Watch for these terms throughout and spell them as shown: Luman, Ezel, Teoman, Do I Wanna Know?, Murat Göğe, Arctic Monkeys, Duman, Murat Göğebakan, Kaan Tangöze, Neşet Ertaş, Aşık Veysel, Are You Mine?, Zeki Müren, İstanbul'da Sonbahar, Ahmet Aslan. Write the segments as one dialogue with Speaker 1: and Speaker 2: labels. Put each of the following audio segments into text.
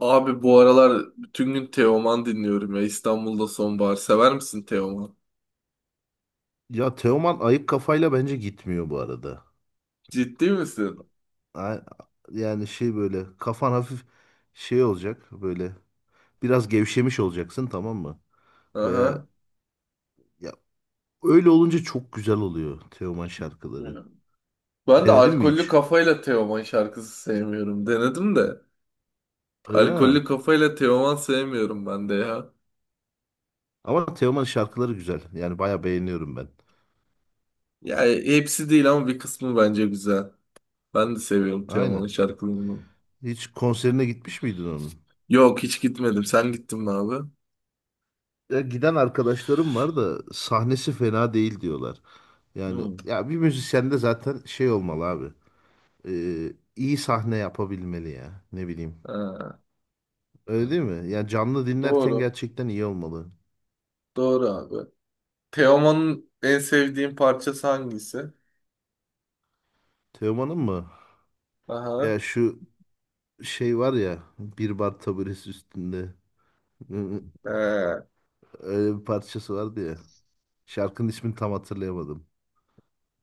Speaker 1: Abi bu aralar bütün gün Teoman dinliyorum ya. İstanbul'da Sonbahar. Sever misin Teoman?
Speaker 2: Ya Teoman ayık kafayla bence gitmiyor bu arada.
Speaker 1: Ciddi misin?
Speaker 2: A- Yani şey böyle kafan hafif şey olacak böyle biraz gevşemiş olacaksın, tamam mı? Veya
Speaker 1: Aha.
Speaker 2: ya öyle olunca çok güzel oluyor Teoman
Speaker 1: Hmm.
Speaker 2: şarkıları.
Speaker 1: Ben de
Speaker 2: Denedin mi
Speaker 1: alkollü
Speaker 2: hiç?
Speaker 1: kafayla Teoman şarkısı sevmiyorum. Denedim de.
Speaker 2: Öyle mi?
Speaker 1: Alkollü kafayla Teoman sevmiyorum ben de ya.
Speaker 2: Ama Teoman şarkıları güzel. Yani bayağı beğeniyorum ben.
Speaker 1: Ya hepsi değil ama bir kısmı bence güzel. Ben de seviyorum Teoman'ın
Speaker 2: Aynen.
Speaker 1: şarkılarını.
Speaker 2: Hiç konserine gitmiş miydin onun?
Speaker 1: Yok, hiç gitmedim. Sen gittin mi abi?
Speaker 2: Ya giden arkadaşlarım var da sahnesi fena değil diyorlar. Yani
Speaker 1: Hmm.
Speaker 2: ya bir müzisyende zaten şey olmalı abi. e, iyi sahne yapabilmeli ya. Ne bileyim.
Speaker 1: Ha.
Speaker 2: Öyle değil mi? Ya canlı dinlerken
Speaker 1: Doğru.
Speaker 2: gerçekten iyi olmalı.
Speaker 1: Doğru abi. Teoman'ın en sevdiğin parçası hangisi?
Speaker 2: Teoman'ın mı?
Speaker 1: Aha.
Speaker 2: Ya şu şey var ya, bir bar taburesi üstünde.
Speaker 1: Ee,
Speaker 2: Öyle bir parçası vardı ya. Şarkının ismini tam hatırlayamadım.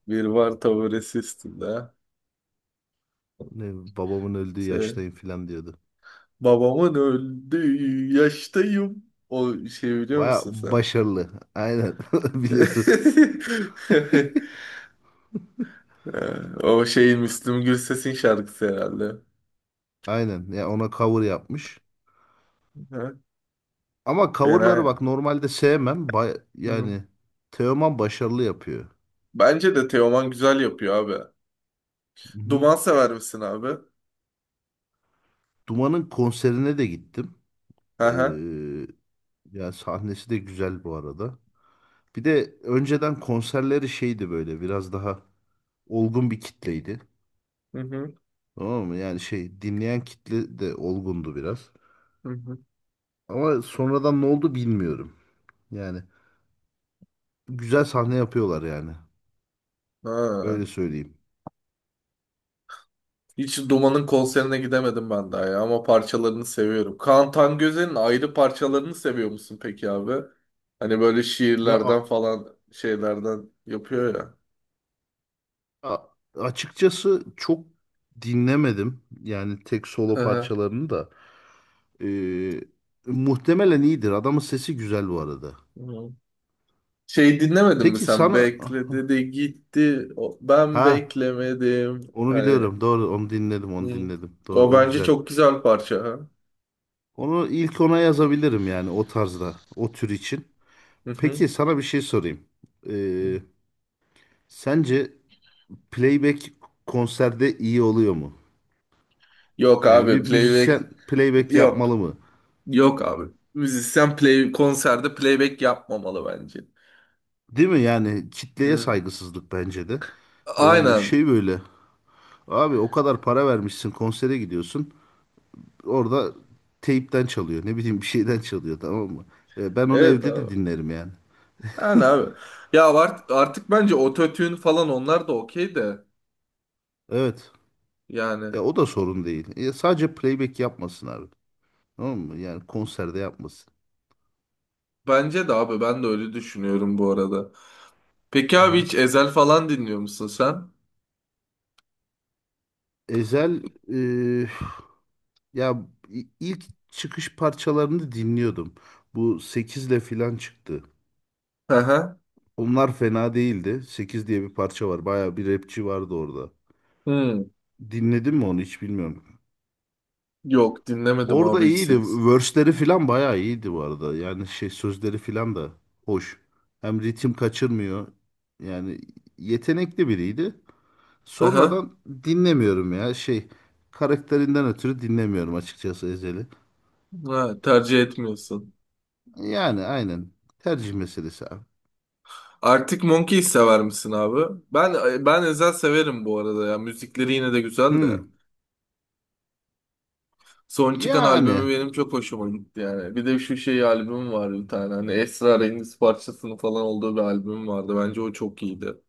Speaker 1: Bir var taburesi üstünde.
Speaker 2: Ne babamın öldüğü
Speaker 1: Şey,
Speaker 2: yaştayım falan diyordu.
Speaker 1: babamın öldüğü yaştayım. O şeyi biliyor
Speaker 2: Baya
Speaker 1: musun sen?
Speaker 2: başarılı. Aynen. Biliyorum.
Speaker 1: O şey Müslüm Gürses'in şarkısı herhalde.
Speaker 2: Aynen. Ya ona cover yapmış.
Speaker 1: Ha.
Speaker 2: Ama
Speaker 1: Fena
Speaker 2: coverları bak
Speaker 1: ya.
Speaker 2: normalde sevmem.
Speaker 1: Hı.
Speaker 2: Yani Teoman başarılı yapıyor.
Speaker 1: Bence de Teoman güzel yapıyor abi.
Speaker 2: Hı.
Speaker 1: Duman sever misin abi?
Speaker 2: Duman'ın konserine de gittim.
Speaker 1: Hı
Speaker 2: Ee,
Speaker 1: hı.
Speaker 2: Yani sahnesi de güzel bu arada. Bir de önceden konserleri şeydi, böyle biraz daha olgun bir kitleydi.
Speaker 1: Hı hı.
Speaker 2: Tamam mı? Yani şey dinleyen kitle de olgundu biraz.
Speaker 1: Hı hı.
Speaker 2: Ama sonradan ne oldu bilmiyorum. Yani güzel sahne yapıyorlar yani.
Speaker 1: Ha.
Speaker 2: Öyle söyleyeyim.
Speaker 1: Hiç Duman'ın konserine gidemedim ben daha ya, ama parçalarını seviyorum. Kaan Tangöze'nin ayrı parçalarını seviyor musun peki abi? Hani böyle
Speaker 2: Ya
Speaker 1: şiirlerden falan şeylerden yapıyor ya.
Speaker 2: a- açıkçası çok dinlemedim. Yani tek
Speaker 1: Hı
Speaker 2: solo
Speaker 1: hı.
Speaker 2: parçalarını da. Ee, Muhtemelen iyidir. Adamın sesi güzel bu arada.
Speaker 1: Hı. Şey dinlemedin mi
Speaker 2: Peki
Speaker 1: sen?
Speaker 2: sana,
Speaker 1: Bekle dedi gitti. Ben
Speaker 2: ha,
Speaker 1: beklemedim.
Speaker 2: onu
Speaker 1: Hani,
Speaker 2: biliyorum. Doğru, onu dinledim onu
Speaker 1: hı.
Speaker 2: dinledim. Doğru,
Speaker 1: O
Speaker 2: o
Speaker 1: bence
Speaker 2: güzel.
Speaker 1: çok güzel parça. Ha.
Speaker 2: Onu ilk, ona yazabilirim yani o tarzda, o tür için.
Speaker 1: Hı hı.
Speaker 2: Peki sana bir şey sorayım. Ee, Sence playback konserde iyi oluyor mu?
Speaker 1: Yok
Speaker 2: Yani bir
Speaker 1: abi, playback
Speaker 2: müzisyen playback
Speaker 1: yok.
Speaker 2: yapmalı mı?
Speaker 1: Yok abi. Müzisyen konserde playback yapmamalı bence.
Speaker 2: Değil mi? Yani kitleye
Speaker 1: Hı.
Speaker 2: saygısızlık bence de. Yani
Speaker 1: Aynen.
Speaker 2: şey böyle. Abi o kadar para vermişsin, konsere gidiyorsun. Orada teypten çalıyor. Ne bileyim, bir şeyden çalıyor, tamam mı? Ben onu
Speaker 1: Evet
Speaker 2: evde de
Speaker 1: abi.
Speaker 2: dinlerim yani.
Speaker 1: Yani abi. Artık bence ototune falan onlar da okey de.
Speaker 2: Evet.
Speaker 1: Yani
Speaker 2: Ya o da sorun değil. Sadece playback yapmasın abi. Tamam mı? Yani konserde yapmasın.
Speaker 1: bence de abi, ben de öyle düşünüyorum bu arada. Peki
Speaker 2: Hı
Speaker 1: abi,
Speaker 2: hı.
Speaker 1: hiç Ezel falan dinliyor musun sen?
Speaker 2: Ezel, e, ya ilk çıkış parçalarını dinliyordum. Bu 8'le filan çıktı.
Speaker 1: Hı hı.
Speaker 2: Onlar fena değildi. 8 diye bir parça var. Bayağı bir rapçi vardı orada.
Speaker 1: Hmm.
Speaker 2: Dinledin mi onu hiç bilmiyorum.
Speaker 1: Yok, dinlemedim
Speaker 2: Orada
Speaker 1: abi hiç
Speaker 2: iyiydi.
Speaker 1: seks.
Speaker 2: Verse'leri falan bayağı iyiydi bu arada. Yani şey sözleri falan da hoş. Hem ritim kaçırmıyor. Yani yetenekli biriydi.
Speaker 1: Hı hı.
Speaker 2: Sonradan dinlemiyorum ya. Şey karakterinden ötürü dinlemiyorum açıkçası Ezel'i.
Speaker 1: Ha, tercih etmiyorsun.
Speaker 2: Yani aynen. Tercih meselesi abi.
Speaker 1: Artık Monkey'i sever misin abi? Ben Ezel severim bu arada ya. Müzikleri yine de güzel de.
Speaker 2: Hmm.
Speaker 1: Son çıkan
Speaker 2: Yani
Speaker 1: albümü benim çok hoşuma gitti yani. Bir de şu şey albüm var bir tane. Hani Esrarengiz parçasının falan olduğu bir albüm vardı. Bence o çok iyiydi.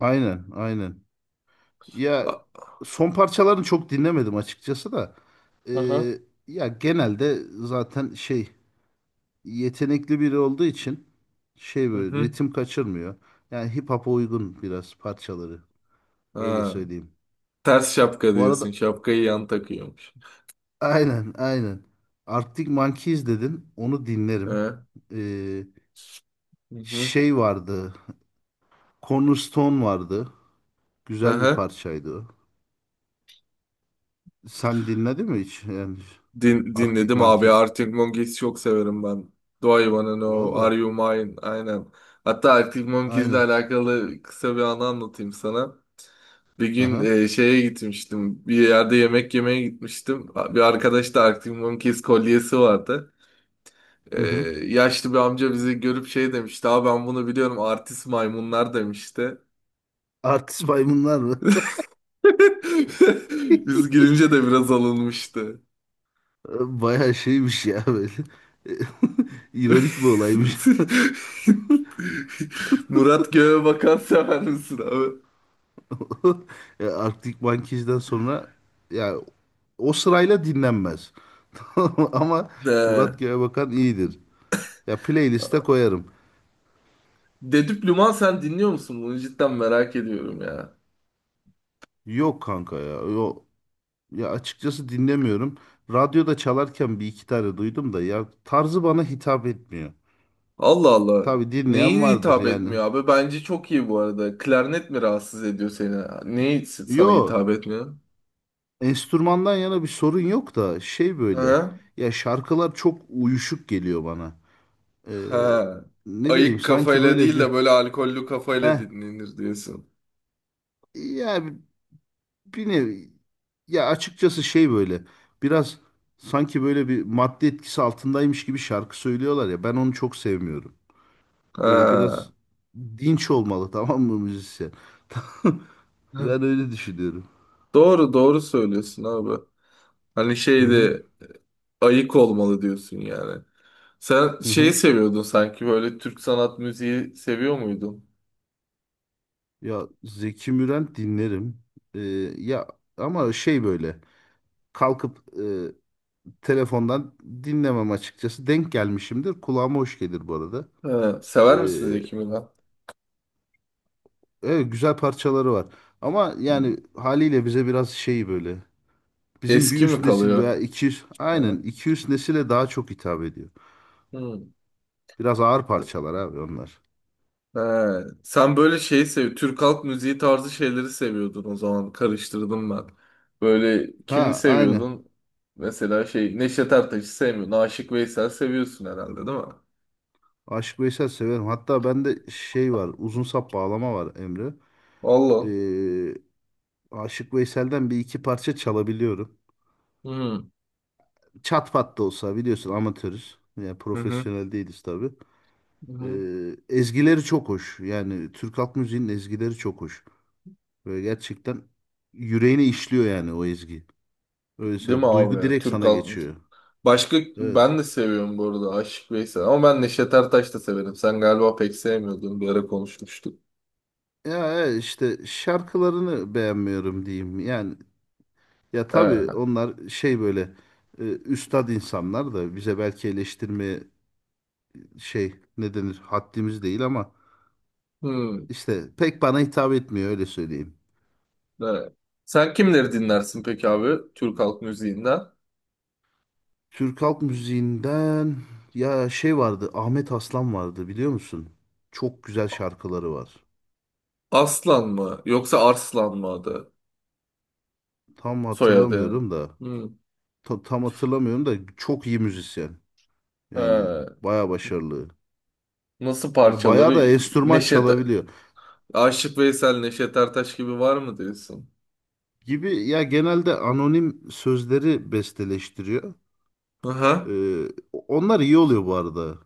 Speaker 2: aynen aynen. Ya
Speaker 1: A-.
Speaker 2: son parçalarını çok dinlemedim açıkçası da.
Speaker 1: Aha.
Speaker 2: Ee, Ya genelde zaten şey, yetenekli biri olduğu için, şey
Speaker 1: Hı
Speaker 2: böyle
Speaker 1: hı.
Speaker 2: ritim kaçırmıyor. Yani hip hop'a uygun biraz parçaları. Öyle
Speaker 1: Ha.
Speaker 2: söyleyeyim.
Speaker 1: Ters şapka
Speaker 2: Bu
Speaker 1: diyorsun.
Speaker 2: arada
Speaker 1: Şapkayı yan takıyormuş.
Speaker 2: aynen aynen. Arctic Monkeys dedin. Onu
Speaker 1: He.
Speaker 2: dinlerim.
Speaker 1: Hı
Speaker 2: Ee,
Speaker 1: hı.
Speaker 2: Şey vardı. Cornerstone vardı. Güzel bir
Speaker 1: Aha.
Speaker 2: parçaydı o. Sen dinledin mi hiç? Yani Arctic
Speaker 1: Dinledim abi.
Speaker 2: Monkeys.
Speaker 1: Arctic Monkeys çok severim ben. Do I Wanna Know?
Speaker 2: Valla.
Speaker 1: Are You Mine? Aynen. Hatta Arctic Monkeys'le
Speaker 2: Aynen.
Speaker 1: alakalı kısa bir anı anlatayım sana. Bir gün
Speaker 2: Aha.
Speaker 1: şeye gitmiştim. Bir yerde yemek yemeye gitmiştim. Bir arkadaş da Arctic Monkeys kolyesi vardı. E,
Speaker 2: Hı hı.
Speaker 1: yaşlı bir amca bizi görüp şey demişti. Abi, ben bunu biliyorum, artist maymunlar demişti.
Speaker 2: Artist maymunlar mı?
Speaker 1: Biz girince de biraz alınmıştı.
Speaker 2: Bayağı şeymiş ya böyle. İronik bir olaymış.
Speaker 1: Murat Göğe bakan sever misin abi?
Speaker 2: Ya Arctic Monkeys'den sonra, ya, o sırayla dinlenmez. Ama
Speaker 1: He.
Speaker 2: Murat Göğebakan iyidir. Ya playlist'e koyarım.
Speaker 1: Dedüp Luman sen dinliyor musun? Bunu cidden merak ediyorum ya.
Speaker 2: Yok kanka ya. Yok. Ya açıkçası dinlemiyorum. Radyoda çalarken bir iki tane duydum da ya tarzı bana hitap etmiyor.
Speaker 1: Allah Allah.
Speaker 2: Tabii dinleyen
Speaker 1: Neyi
Speaker 2: vardır
Speaker 1: hitap
Speaker 2: yani.
Speaker 1: etmiyor abi? Bence çok iyi bu arada. Klarnet mi rahatsız ediyor seni? Neyi sana
Speaker 2: Yo,
Speaker 1: hitap etmiyor?
Speaker 2: enstrümandan yana bir sorun yok da şey böyle.
Speaker 1: Ha?
Speaker 2: Ya şarkılar çok uyuşuk geliyor bana. Ee,
Speaker 1: Ha.
Speaker 2: Ne bileyim,
Speaker 1: Ayık
Speaker 2: sanki
Speaker 1: kafayla
Speaker 2: böyle
Speaker 1: değil
Speaker 2: bir,
Speaker 1: de böyle alkollü kafayla
Speaker 2: heh,
Speaker 1: dinlenir diyorsun.
Speaker 2: ya bir nevi, ya açıkçası şey böyle, biraz sanki böyle bir madde etkisi altındaymış gibi şarkı söylüyorlar ya, ben onu çok sevmiyorum. Böyle
Speaker 1: Ha.
Speaker 2: biraz dinç olmalı tamam mı müzisyen?
Speaker 1: Hı.
Speaker 2: Ben öyle düşünüyorum.
Speaker 1: Doğru doğru söylüyorsun abi. Hani
Speaker 2: Hı hı.
Speaker 1: şeyde ayık olmalı diyorsun yani. Sen
Speaker 2: Hı
Speaker 1: şeyi
Speaker 2: hı.
Speaker 1: seviyordun sanki, böyle Türk sanat müziği seviyor muydun?
Speaker 2: Ya Zeki Müren dinlerim. Ee, Ya ama şey böyle kalkıp telefondan dinlemem açıkçası. Denk gelmişimdir. Kulağıma hoş gelir bu arada.
Speaker 1: Ha.
Speaker 2: Ee,
Speaker 1: Sever misin Zeki Müren?
Speaker 2: Evet, güzel parçaları var. Ama
Speaker 1: Hı.
Speaker 2: yani haliyle bize biraz şey böyle. Bizim bir
Speaker 1: Eski mi
Speaker 2: üst nesil
Speaker 1: kalıyor?
Speaker 2: veya iki üst,
Speaker 1: Ha.
Speaker 2: aynen, iki üst nesile daha çok hitap ediyor.
Speaker 1: Hı.
Speaker 2: Biraz ağır parçalar abi onlar.
Speaker 1: He, sen böyle şeyi sev, Türk halk müziği tarzı şeyleri seviyordun o zaman. Karıştırdım ben. Böyle kimi
Speaker 2: Ha, aynen.
Speaker 1: seviyordun? Mesela şey, Neşet Ertaş'ı sevmiyorsun. Aşık Veysel seviyorsun herhalde, değil mi?
Speaker 2: Aşık Veysel severim. Hatta bende şey var. Uzun sap bağlama var Emre.
Speaker 1: Allah.
Speaker 2: Ee, Aşık Veysel'den bir iki parça çalabiliyorum.
Speaker 1: Hı hı.
Speaker 2: Çat pat da olsa biliyorsun, amatörüz. Yani
Speaker 1: Hı
Speaker 2: profesyonel değiliz tabii.
Speaker 1: hı.
Speaker 2: Ezgileri çok hoş. Yani Türk halk müziğinin ezgileri çok hoş. Böyle gerçekten yüreğine işliyor yani o ezgi. Öyle
Speaker 1: Değil mi
Speaker 2: söyleyeyim.
Speaker 1: abi
Speaker 2: Duygu
Speaker 1: ya?
Speaker 2: direkt
Speaker 1: Türk
Speaker 2: sana
Speaker 1: halk müziği.
Speaker 2: geçiyor.
Speaker 1: Başka
Speaker 2: Evet.
Speaker 1: ben de seviyorum bu arada Aşık Veysel. Ama ben Neşet Ertaş da severim. Sen galiba pek sevmiyordun. Bir ara konuşmuştuk.
Speaker 2: Ya evet, işte şarkılarını beğenmiyorum diyeyim. Yani ya tabii
Speaker 1: He.
Speaker 2: onlar şey böyle, üstad insanlar da bize belki eleştirmeye şey ne denir, haddimiz değil, ama
Speaker 1: Hı.
Speaker 2: işte pek bana hitap etmiyor, öyle söyleyeyim.
Speaker 1: Evet. Sen kimleri dinlersin peki abi, Türk halk müziğinden?
Speaker 2: Türk halk müziğinden ya şey vardı, Ahmet Aslan vardı, biliyor musun? Çok güzel şarkıları var.
Speaker 1: Aslan mı yoksa Arslan mı adı?
Speaker 2: Tam
Speaker 1: Soyadı yani.
Speaker 2: hatırlamıyorum da.
Speaker 1: Hmm.
Speaker 2: Tam hatırlamıyorum da çok iyi müzisyen.
Speaker 1: He.
Speaker 2: Yani baya başarılı.
Speaker 1: Nasıl
Speaker 2: Ya baya
Speaker 1: parçaları?
Speaker 2: da enstrüman
Speaker 1: Neşet
Speaker 2: çalabiliyor.
Speaker 1: Aşık Veysel, Neşet Ertaş gibi var mı diyorsun?
Speaker 2: Gibi, ya genelde anonim sözleri besteleştiriyor.
Speaker 1: Aha.
Speaker 2: Ee, Onlar iyi oluyor bu arada.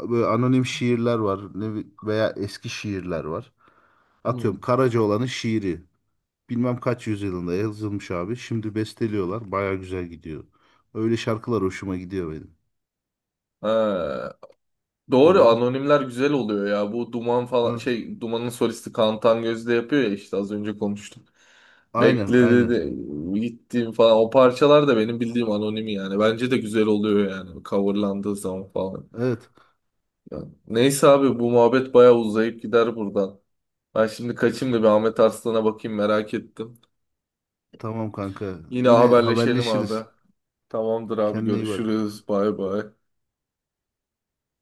Speaker 2: Böyle anonim şiirler var, veya eski şiirler var. Atıyorum
Speaker 1: Hmm.
Speaker 2: Karacaoğlan'ın şiiri. Bilmem kaç yüzyılında yazılmış abi. Şimdi besteliyorlar. Baya güzel gidiyor. Öyle şarkılar hoşuma gidiyor benim.
Speaker 1: He.
Speaker 2: Hı
Speaker 1: Doğru,
Speaker 2: hı.
Speaker 1: anonimler güzel oluyor ya. Bu Duman falan,
Speaker 2: Evet.
Speaker 1: şey Duman'ın solisti Kaan Tangöz de yapıyor ya, işte az önce konuştuk.
Speaker 2: Aynen
Speaker 1: Bekle
Speaker 2: aynen.
Speaker 1: dedi gittiğim falan o parçalar da benim bildiğim anonim yani. Bence de güzel oluyor yani coverlandığı zaman falan.
Speaker 2: Evet.
Speaker 1: Ya, neyse abi, bu muhabbet bayağı uzayıp gider buradan. Ben şimdi kaçayım da bir Ahmet Arslan'a bakayım, merak ettim.
Speaker 2: Tamam kanka.
Speaker 1: Yine
Speaker 2: Yine
Speaker 1: haberleşelim
Speaker 2: haberleşiriz.
Speaker 1: abi. Tamamdır abi,
Speaker 2: Kendine iyi bak.
Speaker 1: görüşürüz. Bay bay.